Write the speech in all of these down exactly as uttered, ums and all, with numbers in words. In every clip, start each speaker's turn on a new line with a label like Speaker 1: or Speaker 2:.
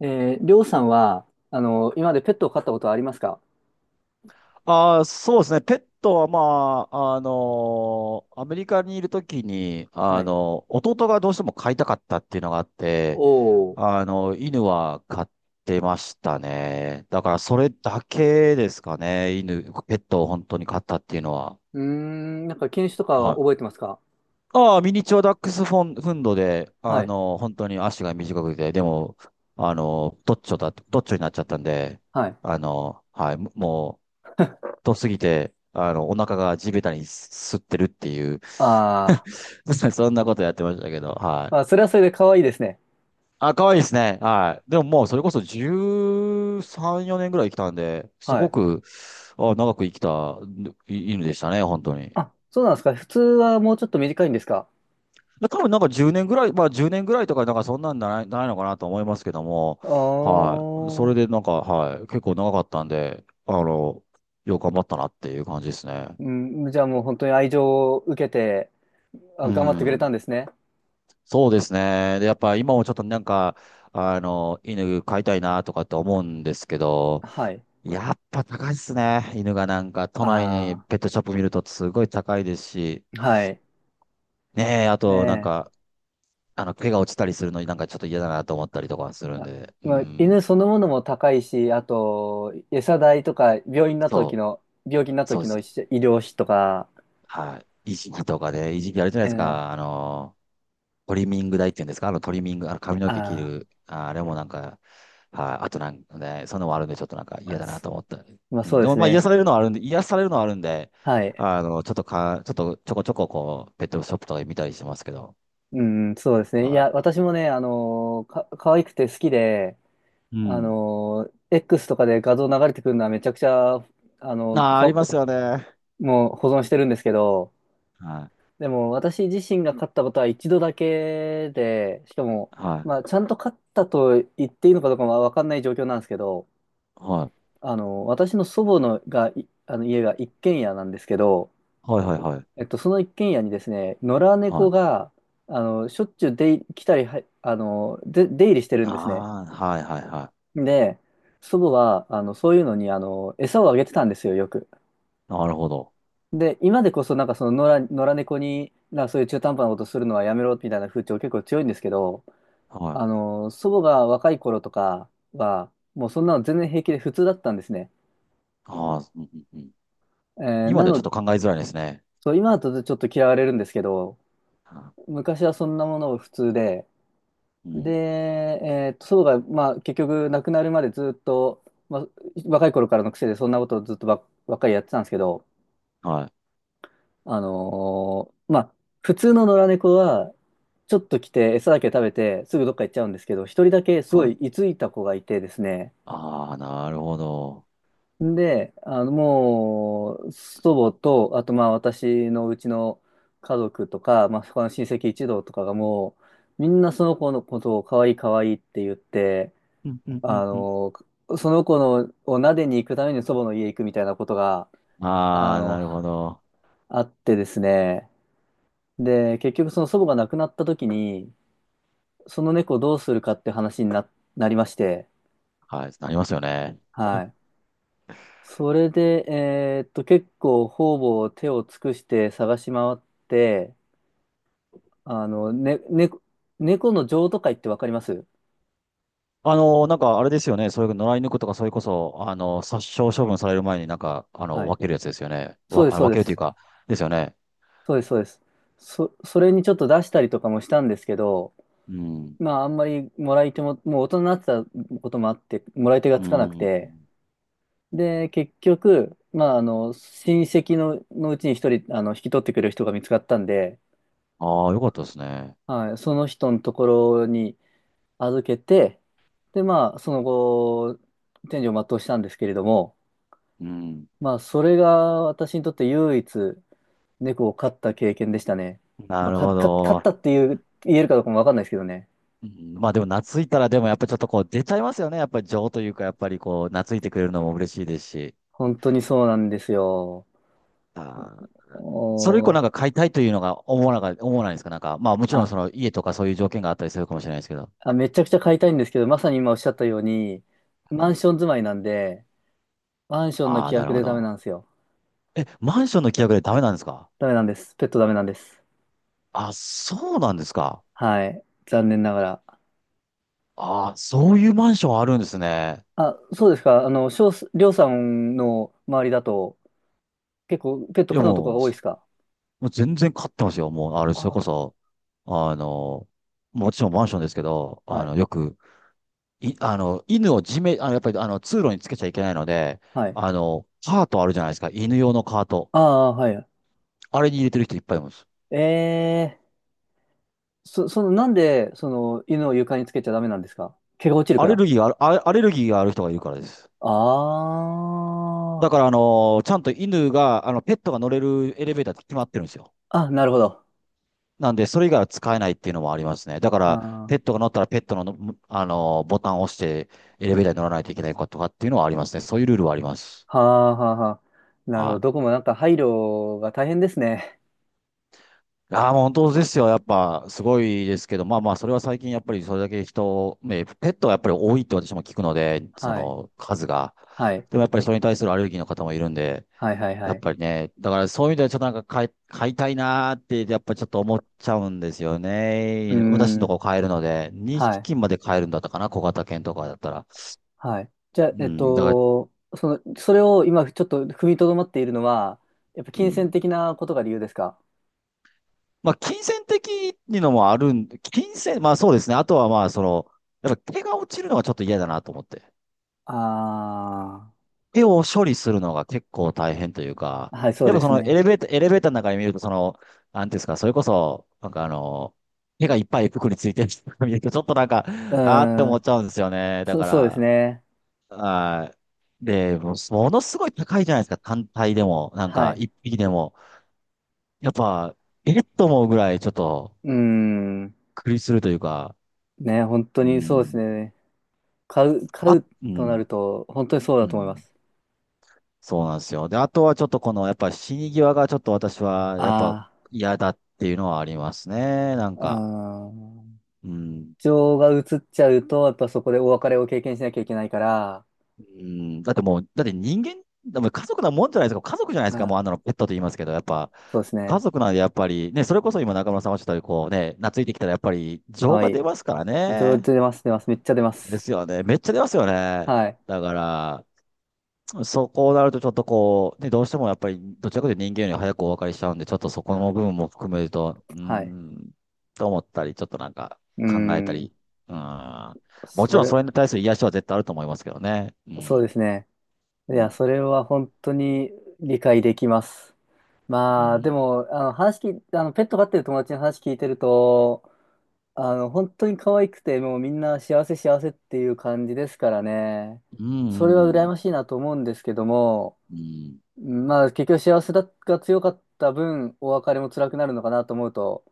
Speaker 1: えー、りょうさんは、あの、今までペットを飼ったことはありますか？
Speaker 2: ああ、そうですね。ペットは、まあ、あのーアメリカにいるときに、
Speaker 1: は
Speaker 2: あ
Speaker 1: い。
Speaker 2: の、弟がどうしても飼いたかったっていうのがあって、
Speaker 1: おー。
Speaker 2: あの、犬は飼ってましたね。だから、それだけですかね。犬、ペットを本当に飼ったっていうのは。
Speaker 1: うーん、なんか犬種とか
Speaker 2: は
Speaker 1: は覚えて
Speaker 2: い。
Speaker 1: ますか？
Speaker 2: ああ、ミニチュアダックスフォン、フンドで、あ
Speaker 1: はい。
Speaker 2: の、本当に足が短くて、でも、あの、どっちょだ、どっちょになっちゃったんで、
Speaker 1: はい。
Speaker 2: あの、はい、もう、とすぎて、あの、お腹が地べたにす吸ってるっていう、
Speaker 1: あー。
Speaker 2: そんなことやってましたけど、は
Speaker 1: まあ、
Speaker 2: い。
Speaker 1: それはそれで可愛いですね。
Speaker 2: あ、可愛いですね。はい。でももうそれこそじゅうさんよねんぐらい生きたんで、す
Speaker 1: は
Speaker 2: ご
Speaker 1: い。
Speaker 2: く、あ、長く生きたい犬でしたね、本当に。
Speaker 1: あ、そうなんですか？普通はもうちょっと短いんですか？
Speaker 2: 多分なんかじゅうねんぐらい、まあじゅうねんぐらいとかなんかそんなんじゃない、ないのかなと思いますけども、
Speaker 1: あ
Speaker 2: はい。そ
Speaker 1: ー。
Speaker 2: れでなんか、はい。結構長かったんで、あの、よく頑張ったなっていう感じですね。
Speaker 1: うん、じゃあもう本当に愛情を受けて、
Speaker 2: う
Speaker 1: あ、頑張ってくれた
Speaker 2: ん。
Speaker 1: んですね。
Speaker 2: そうですね。で、やっぱ今もちょっとなんか、あの、犬飼いたいなとかって思うんですけど、
Speaker 1: はい。
Speaker 2: やっぱ高いっすね。犬がなんか、都内に
Speaker 1: あ
Speaker 2: ペットショップ見るとすごい高いですし、
Speaker 1: ー。はい。
Speaker 2: ねえ、あ
Speaker 1: ね
Speaker 2: となん
Speaker 1: え。
Speaker 2: か、あの、毛が落ちたりするのになんかちょっと嫌だなと思ったりとかするん
Speaker 1: あ
Speaker 2: で、う
Speaker 1: まあ、犬
Speaker 2: ん、
Speaker 1: そのものも高いし、あと、餌代とか、病院になった時
Speaker 2: そう、
Speaker 1: の、病気になった
Speaker 2: そう
Speaker 1: 時
Speaker 2: で
Speaker 1: の医
Speaker 2: す。
Speaker 1: 療費とか、
Speaker 2: はい。いじりとかね、いじりあるじゃない
Speaker 1: え
Speaker 2: です
Speaker 1: ー、
Speaker 2: か、あの、トリミング台っていうんですか、あのトリミング、あの髪の毛切
Speaker 1: あ
Speaker 2: る、あ、あれもなんか、はい、あとなんかね、そんなのもあるんで、ちょっとなんか嫌
Speaker 1: ー、
Speaker 2: だな
Speaker 1: そ
Speaker 2: と思ったり。
Speaker 1: まあ
Speaker 2: う
Speaker 1: そ
Speaker 2: ん、
Speaker 1: う
Speaker 2: で
Speaker 1: で
Speaker 2: も
Speaker 1: す
Speaker 2: まあ癒
Speaker 1: ね。
Speaker 2: されるのはあるんで、癒されるのはあるんで、
Speaker 1: はい。
Speaker 2: あの、ちょっとか、ちょっとちょこちょここう、ペットショップとかで見たりしますけど、
Speaker 1: うん、そうですね。い
Speaker 2: は
Speaker 1: や、私もね、あのー、か、可愛くて好きで、
Speaker 2: い。う
Speaker 1: あ
Speaker 2: ん。
Speaker 1: のー、X とかで画像流れてくるのはめちゃくちゃ、あの、フ
Speaker 2: ああ、あります
Speaker 1: ァ
Speaker 2: よね。はい。
Speaker 1: もう保存してるんですけど、でも私自身が勝ったことは一度だけで、しかも、
Speaker 2: はい。
Speaker 1: まあ、ちゃんと勝ったと言っていいのかどうかは分かんない状況なんですけど、
Speaker 2: はい。
Speaker 1: あの、私の祖母のが、いあの家が一軒家なんですけど、
Speaker 2: はいはいはい。
Speaker 1: えっと、その一軒家にですね、野良
Speaker 2: は
Speaker 1: 猫
Speaker 2: い。
Speaker 1: が、あの、しょっちゅう出入り来たりは、あの、で、出入りしてるんですね。
Speaker 2: ああ、はいはいは
Speaker 1: で、祖母は、あの、そういうのに、あの、餌をあげてたんですよ、よく。
Speaker 2: い。なるほど。
Speaker 1: で、今でこそ、なんかその野良、野良猫に、なんかそういう中途半端なことするのはやめろ、みたいな風潮結構強いんですけど、
Speaker 2: は
Speaker 1: あ
Speaker 2: い。
Speaker 1: の、祖母が若い頃とかは、もうそんなの全然平気で普通だったんですね。
Speaker 2: ああ、うんうんうん。
Speaker 1: えー
Speaker 2: 今
Speaker 1: な
Speaker 2: ではちょっ
Speaker 1: の、
Speaker 2: と考えづらいですね。
Speaker 1: そう、今だとちょっと嫌われるんですけど、
Speaker 2: は
Speaker 1: 昔はそんなものを普通で、
Speaker 2: いう
Speaker 1: で、
Speaker 2: ん。
Speaker 1: えーと、祖母が、まあ、結局亡くなるまでずっと、まあ、若い頃からの癖でそんなことをずっとば、ばっかりやってたんですけど、
Speaker 2: はい。
Speaker 1: あのーまあ、普通の野良猫は、ちょっと来て餌だけ食べてすぐどっか行っちゃうんですけど、一人だけすご
Speaker 2: は
Speaker 1: い
Speaker 2: い
Speaker 1: 居ついた子がいてですね、
Speaker 2: ああ、なるほど。
Speaker 1: で、あの、もう、祖母と、あと、まあ、私のうちの家族とか、まあ、他の親戚一同とかがもう、みんなその子のことを可愛い可愛いって言って、
Speaker 2: うんうんう
Speaker 1: あ
Speaker 2: んうん。
Speaker 1: の、その子のを撫でに行くために祖母の家行くみたいなことが、あ
Speaker 2: ああ、な
Speaker 1: の、
Speaker 2: るほど。
Speaker 1: あってですね。で、結局その祖母が亡くなった時に、その猫どうするかって話にな、なりまして、
Speaker 2: はい、なりますよね。
Speaker 1: はい。それで、えーっと、結構方々手を尽くして探し回って、あの、ね、ね、猫の譲渡会ってわかります？
Speaker 2: あの、なんかあれですよね。そういう野良犬とか、それこそ、あの、殺傷処分される前になんか、あ
Speaker 1: は
Speaker 2: の、
Speaker 1: い。
Speaker 2: 分けるやつですよね。
Speaker 1: そうです、
Speaker 2: わ、あ
Speaker 1: そう
Speaker 2: 分
Speaker 1: で
Speaker 2: けるという
Speaker 1: す。
Speaker 2: か、ですよね。
Speaker 1: そうです、そうです。そ、それにちょっと出したりとかもしたんですけど、
Speaker 2: うん。
Speaker 1: まあ、あんまりもらい手も、もう大人になってたこともあって、もらい手が
Speaker 2: う
Speaker 1: つかなく
Speaker 2: ん。
Speaker 1: て、で、結局、まあ、あの、親戚の、のうちに一人、あの、引き取ってくれる人が見つかったんで、
Speaker 2: ああ、よかったですね。
Speaker 1: はい、その人のところに、預けて、で、まあ、その後、天寿を全うしたんですけれども、
Speaker 2: うん。
Speaker 1: まあ、それが私にとって唯一猫を飼った経験でしたね。ま
Speaker 2: な
Speaker 1: あ、
Speaker 2: る
Speaker 1: か、
Speaker 2: ほ
Speaker 1: か、飼っ
Speaker 2: ど。
Speaker 1: たっていう、言えるかどうかもわかんないですけどね。
Speaker 2: うんまあでも懐いたらでもやっぱりちょっとこう出ちゃいますよね。やっぱり情というか、やっぱりこう懐いてくれるのも嬉しいですし。
Speaker 1: 本当にそうなんですよ。
Speaker 2: ああ。それ以
Speaker 1: お
Speaker 2: 降な
Speaker 1: ー。
Speaker 2: んか買いたいというのが思わなか、思わないですかなんか、まあもちろんそ
Speaker 1: あ、
Speaker 2: の家とかそういう条件があったりするかもしれないですけど。
Speaker 1: あ、めちゃくちゃ飼いたいんですけど、まさに今おっしゃったように、
Speaker 2: う
Speaker 1: マン
Speaker 2: ん。
Speaker 1: ション住まいなんで、マンションの
Speaker 2: ああ、
Speaker 1: 規
Speaker 2: なる
Speaker 1: 約
Speaker 2: ほ
Speaker 1: でダメ
Speaker 2: ど。
Speaker 1: なんですよ。
Speaker 2: え、マンションの規約でダメなんですか？
Speaker 1: ダメなんです。ペットダメなんです。
Speaker 2: あ、そうなんですか。
Speaker 1: はい。残念ながら。
Speaker 2: ああ、そういうマンションあるんですね。
Speaker 1: あ、そうですか。あの、しょうす、りょうさんの周りだと、結構ペット
Speaker 2: いや
Speaker 1: 可のとか
Speaker 2: も
Speaker 1: が
Speaker 2: う、
Speaker 1: 多いで
Speaker 2: そ
Speaker 1: すか？
Speaker 2: もう全然買ってますよ。もう、あれ、それこ
Speaker 1: あ、
Speaker 2: そ、あの、もちろんマンションですけど、
Speaker 1: は
Speaker 2: あの、
Speaker 1: い。
Speaker 2: よく、い、あの、犬を地面、あの、やっぱり、あの、通路につけちゃいけないので、
Speaker 1: はい。
Speaker 2: あの、カートあるじゃないですか。犬用のカート。
Speaker 1: ああ、はい。
Speaker 2: あれに入れてる人いっぱいいます。
Speaker 1: ええそ、その、なんで、その、犬を床につけちゃダメなんですか？毛が落ちる
Speaker 2: ア
Speaker 1: か
Speaker 2: レ
Speaker 1: ら。
Speaker 2: ルギーがある、あアレルギーがある人がいるからです。
Speaker 1: あ
Speaker 2: だ
Speaker 1: あ。
Speaker 2: から、あのーちゃんと犬が、あの、ペットが乗れるエレベーターって決まってるんですよ。
Speaker 1: あ、なるほど。
Speaker 2: なんで、それ以外は使えないっていうのもありますね。だから、
Speaker 1: あ
Speaker 2: ペ
Speaker 1: あ。
Speaker 2: ットが乗ったらペットのの、あのーボタンを押して、エレベーターに乗らないといけないかとかっていうのはありますね。そういうルールはあります。
Speaker 1: はあ、はあ、はあ。なるほど。
Speaker 2: は
Speaker 1: どこもなんか配慮が大変ですね。
Speaker 2: い。ああ、もう本当ですよ。やっぱ、すごいですけど、まあまあ、それは最近、やっぱりそれだけ人、ね、ペットはやっぱり多いって私も聞くので、そ
Speaker 1: はい。
Speaker 2: の数が。
Speaker 1: はい。
Speaker 2: でもやっぱりそれに対するアレルギーの方もいるんで、
Speaker 1: はい、はい、
Speaker 2: や
Speaker 1: は
Speaker 2: っ
Speaker 1: い。
Speaker 2: ぱりね、だからそういう意味ではちょっとなんか買い、買いたいなーって、やっぱちょっと思っちゃうんですよ
Speaker 1: うー
Speaker 2: ね。私のと
Speaker 1: ん。
Speaker 2: こ買えるので、
Speaker 1: は
Speaker 2: 2
Speaker 1: い。
Speaker 2: 匹まで買えるんだったかな、小型犬とかだったら。
Speaker 1: はい。じゃ
Speaker 2: う
Speaker 1: あ、えっ
Speaker 2: ん、だから、
Speaker 1: と、その、それを今ちょっと踏みとどまっているのは、やっぱ
Speaker 2: う
Speaker 1: 金銭
Speaker 2: ん。
Speaker 1: 的なことが理由ですか？
Speaker 2: まあ、金銭的にのもあるん、金銭、まあそうですね。あとはまあ、その、やっぱ毛が落ちるのがちょっと嫌だなと思って。
Speaker 1: あ
Speaker 2: 手を処理するのが結構大変というか、
Speaker 1: あー、はい、そう
Speaker 2: やっ
Speaker 1: で
Speaker 2: ぱそ
Speaker 1: す
Speaker 2: のエ
Speaker 1: ね。
Speaker 2: レベーター、エレベーターの中に見ると、その、なんていうんですか、それこそ、なんかあの、手がいっぱい服についてる人が見ると、ちょっとなんか、
Speaker 1: う
Speaker 2: あーって
Speaker 1: ー
Speaker 2: 思っ
Speaker 1: ん、
Speaker 2: ちゃうんですよね。だ
Speaker 1: そ、
Speaker 2: か
Speaker 1: そうですね。
Speaker 2: ら、はい。で、もうものすごい高いじゃないですか、単体でも、なん
Speaker 1: は
Speaker 2: か、
Speaker 1: い。
Speaker 2: いっぴきでも。やっぱ、えっと思うぐらい、ちょっと、
Speaker 1: うーん、
Speaker 2: 苦りするというか、
Speaker 1: ね、本当
Speaker 2: う
Speaker 1: にそうです
Speaker 2: ん、
Speaker 1: ね。買う、買
Speaker 2: あ、
Speaker 1: う
Speaker 2: う
Speaker 1: とな
Speaker 2: ん、
Speaker 1: ると、本当にそう
Speaker 2: う
Speaker 1: だと思いま
Speaker 2: ん。
Speaker 1: す。
Speaker 2: そうなんですよ。で、あとはちょっとこの、やっぱ死に際がちょっと私は、やっぱ
Speaker 1: あ
Speaker 2: 嫌だっていうのはありますね。なん
Speaker 1: あ、う
Speaker 2: か、
Speaker 1: ーん。
Speaker 2: うん、
Speaker 1: 情が移っちゃうと、やっぱそこでお別れを経験しなきゃいけないから、
Speaker 2: うん、だってもう、だって人間、でも家族なもんじゃないですか。家族じゃないで
Speaker 1: う
Speaker 2: すか。も
Speaker 1: ん、
Speaker 2: うあんなのペットと言いますけど、やっぱ
Speaker 1: そうです
Speaker 2: 家
Speaker 1: ね。
Speaker 2: 族なんでやっぱり、ね、それこそ今中村さんおっしゃったようにこうね、懐いてきたらやっぱり情
Speaker 1: は
Speaker 2: が
Speaker 1: い。
Speaker 2: 出ますから
Speaker 1: 情
Speaker 2: ね。
Speaker 1: 出ます、出ます。めっちゃ出ま
Speaker 2: です
Speaker 1: す。
Speaker 2: よね。めっちゃ出ますよね。
Speaker 1: はい。
Speaker 2: だから、そこうなるとちょっとこう、ね、どうしてもやっぱりどちらかというと人間より早くお別れしちゃうんで、ちょっとそこの部分も含めると、うー
Speaker 1: はい。
Speaker 2: ん、と思ったり、ちょっとなんか
Speaker 1: うー
Speaker 2: 考えた
Speaker 1: ん。
Speaker 2: り、うーん。もち
Speaker 1: そ
Speaker 2: ろん
Speaker 1: れ、
Speaker 2: それに対する癒しは絶対あると思いますけどね。
Speaker 1: そうですね。
Speaker 2: う
Speaker 1: いや、
Speaker 2: ん、
Speaker 1: それは本当に理解できます。
Speaker 2: う
Speaker 1: まあ、で
Speaker 2: ん、
Speaker 1: も、あの、話聞い、あの、ペット飼ってる友達の話聞いてると、あの、本当に可愛くて、もうみんな幸せ幸せっていう感じですからね。
Speaker 2: う
Speaker 1: それ
Speaker 2: ん、
Speaker 1: は
Speaker 2: う
Speaker 1: 羨
Speaker 2: ん、
Speaker 1: ましいなと思うんですけども、
Speaker 2: うん
Speaker 1: まあ、結局幸せだが強かった分、お別れも辛くなるのかなと思うと、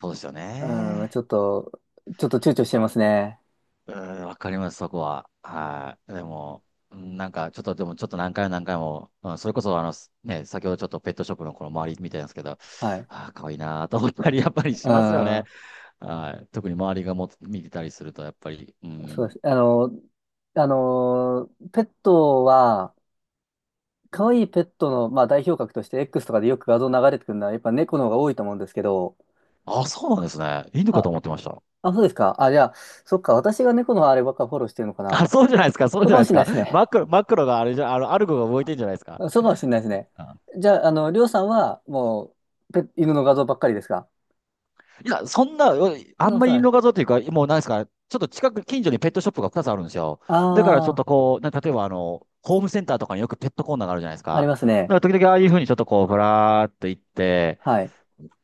Speaker 2: そうですよ
Speaker 1: うん、
Speaker 2: ね。
Speaker 1: ちょっと、ちょっと躊躇してますね。
Speaker 2: うん、わかります、そこは。はい。でも、うんなんか、ちょっと、でも、ちょっと何回も何回も、うん、それこそ、あの、すね、先ほどちょっとペットショップのこの周りみたいなんですけど、あ
Speaker 1: はい。
Speaker 2: あ、かわいいなーと思ったり、やっぱり
Speaker 1: う
Speaker 2: しますよね。
Speaker 1: ん。
Speaker 2: はい。特に周りがも見てたりすると、やっぱり、う
Speaker 1: そうで
Speaker 2: ん。
Speaker 1: す。あの、あの、ペットは、可愛いペットの、まあ、代表格として X とかでよく画像流れてくるのは、やっぱ猫の方が多いと思うんですけど、
Speaker 2: ああ、そうなんですね。犬かと
Speaker 1: あ、
Speaker 2: 思ってました。
Speaker 1: あ、そうですか。あ、じゃあ、そっか、私が猫のあればっかフォローしてるのか
Speaker 2: あ、
Speaker 1: な。
Speaker 2: そうじゃないですか、そう
Speaker 1: そう
Speaker 2: じゃ
Speaker 1: か
Speaker 2: な
Speaker 1: も
Speaker 2: いで
Speaker 1: し
Speaker 2: す
Speaker 1: れない
Speaker 2: か。
Speaker 1: ですね。
Speaker 2: マクロ、マクロがあれじゃ、あの、アルゴが動いてんじゃないですか。
Speaker 1: そうかもしれないですね。じゃあ、あの、りょうさんは、もう、ペ、犬の画像ばっかりですか？
Speaker 2: いや、そんな、う
Speaker 1: そ
Speaker 2: あ
Speaker 1: んな
Speaker 2: ん
Speaker 1: こ
Speaker 2: ま
Speaker 1: と
Speaker 2: りイ
Speaker 1: ない。
Speaker 2: 画像というか、もうなんですか、ちょっと近く、近所にペットショップがふたつあるんですよ。だからちょ
Speaker 1: あ
Speaker 2: っ
Speaker 1: あ、
Speaker 2: とこう、な例えばあの、ホームセンターとかによくペットコーナーがあるじゃないです
Speaker 1: あり
Speaker 2: か。
Speaker 1: ます
Speaker 2: だか
Speaker 1: ね。
Speaker 2: ら時々ああいうふうにちょっとこう、ぶらーっと行って、
Speaker 1: はい。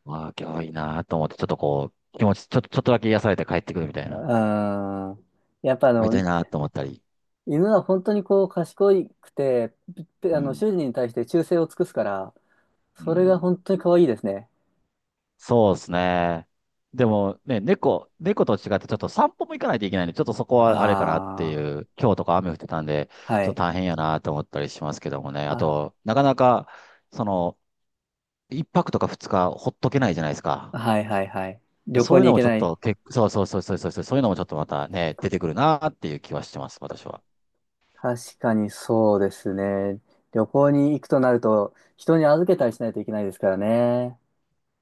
Speaker 2: わあ、今日いいなーと思って、ちょっとこう、気持ち、ちょっと、ちょっとだけ癒されて帰ってくるみた
Speaker 1: う
Speaker 2: いな。
Speaker 1: ーん。やっぱあ
Speaker 2: 帰りた
Speaker 1: の、
Speaker 2: いなーと思ったり。
Speaker 1: 犬は本当にこう賢くて、ぴぴ
Speaker 2: う
Speaker 1: あの、
Speaker 2: ん。
Speaker 1: 主人に対して忠誠を尽くすから、
Speaker 2: う
Speaker 1: それが
Speaker 2: ん。
Speaker 1: 本当に可愛いですね。
Speaker 2: そうですね。でもね、猫、猫と違ってちょっと散歩も行かないといけないんで、ちょっとそこはあれかなってい
Speaker 1: あ
Speaker 2: う、今日とか雨降ってたんで、
Speaker 1: あ、は
Speaker 2: ちょっと
Speaker 1: い。
Speaker 2: 大変やなと思ったりしますけどもね。あ
Speaker 1: あ、
Speaker 2: と、なかなか、その、一泊とかふつかほっとけないじゃないですか。
Speaker 1: はいはいはい。旅
Speaker 2: そ
Speaker 1: 行
Speaker 2: ういう
Speaker 1: に
Speaker 2: の
Speaker 1: 行
Speaker 2: も
Speaker 1: け
Speaker 2: ちょっ
Speaker 1: ない。
Speaker 2: と、け、そうそうそうそうそうそう、そういうのもちょっとまたね、出てくるなっていう気はしてます、私は。
Speaker 1: 確かにそうですね。旅行に行くとなると、人に預けたりしないといけないですからね。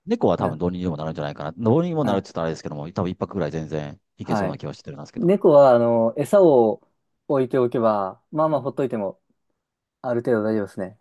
Speaker 2: 猫は
Speaker 1: う
Speaker 2: 多分
Speaker 1: ん、
Speaker 2: どうにでもなるんじゃないかな。どうにも
Speaker 1: う
Speaker 2: なる
Speaker 1: ん、
Speaker 2: って言ったらあれですけども、多分一泊ぐらい全然いけそ
Speaker 1: は
Speaker 2: うな
Speaker 1: い。
Speaker 2: 気はしてるんですけど。
Speaker 1: 猫は、あの、餌を置いておけば、まあ
Speaker 2: う
Speaker 1: まあほっと
Speaker 2: ん
Speaker 1: いても、ある程度大丈夫ですね。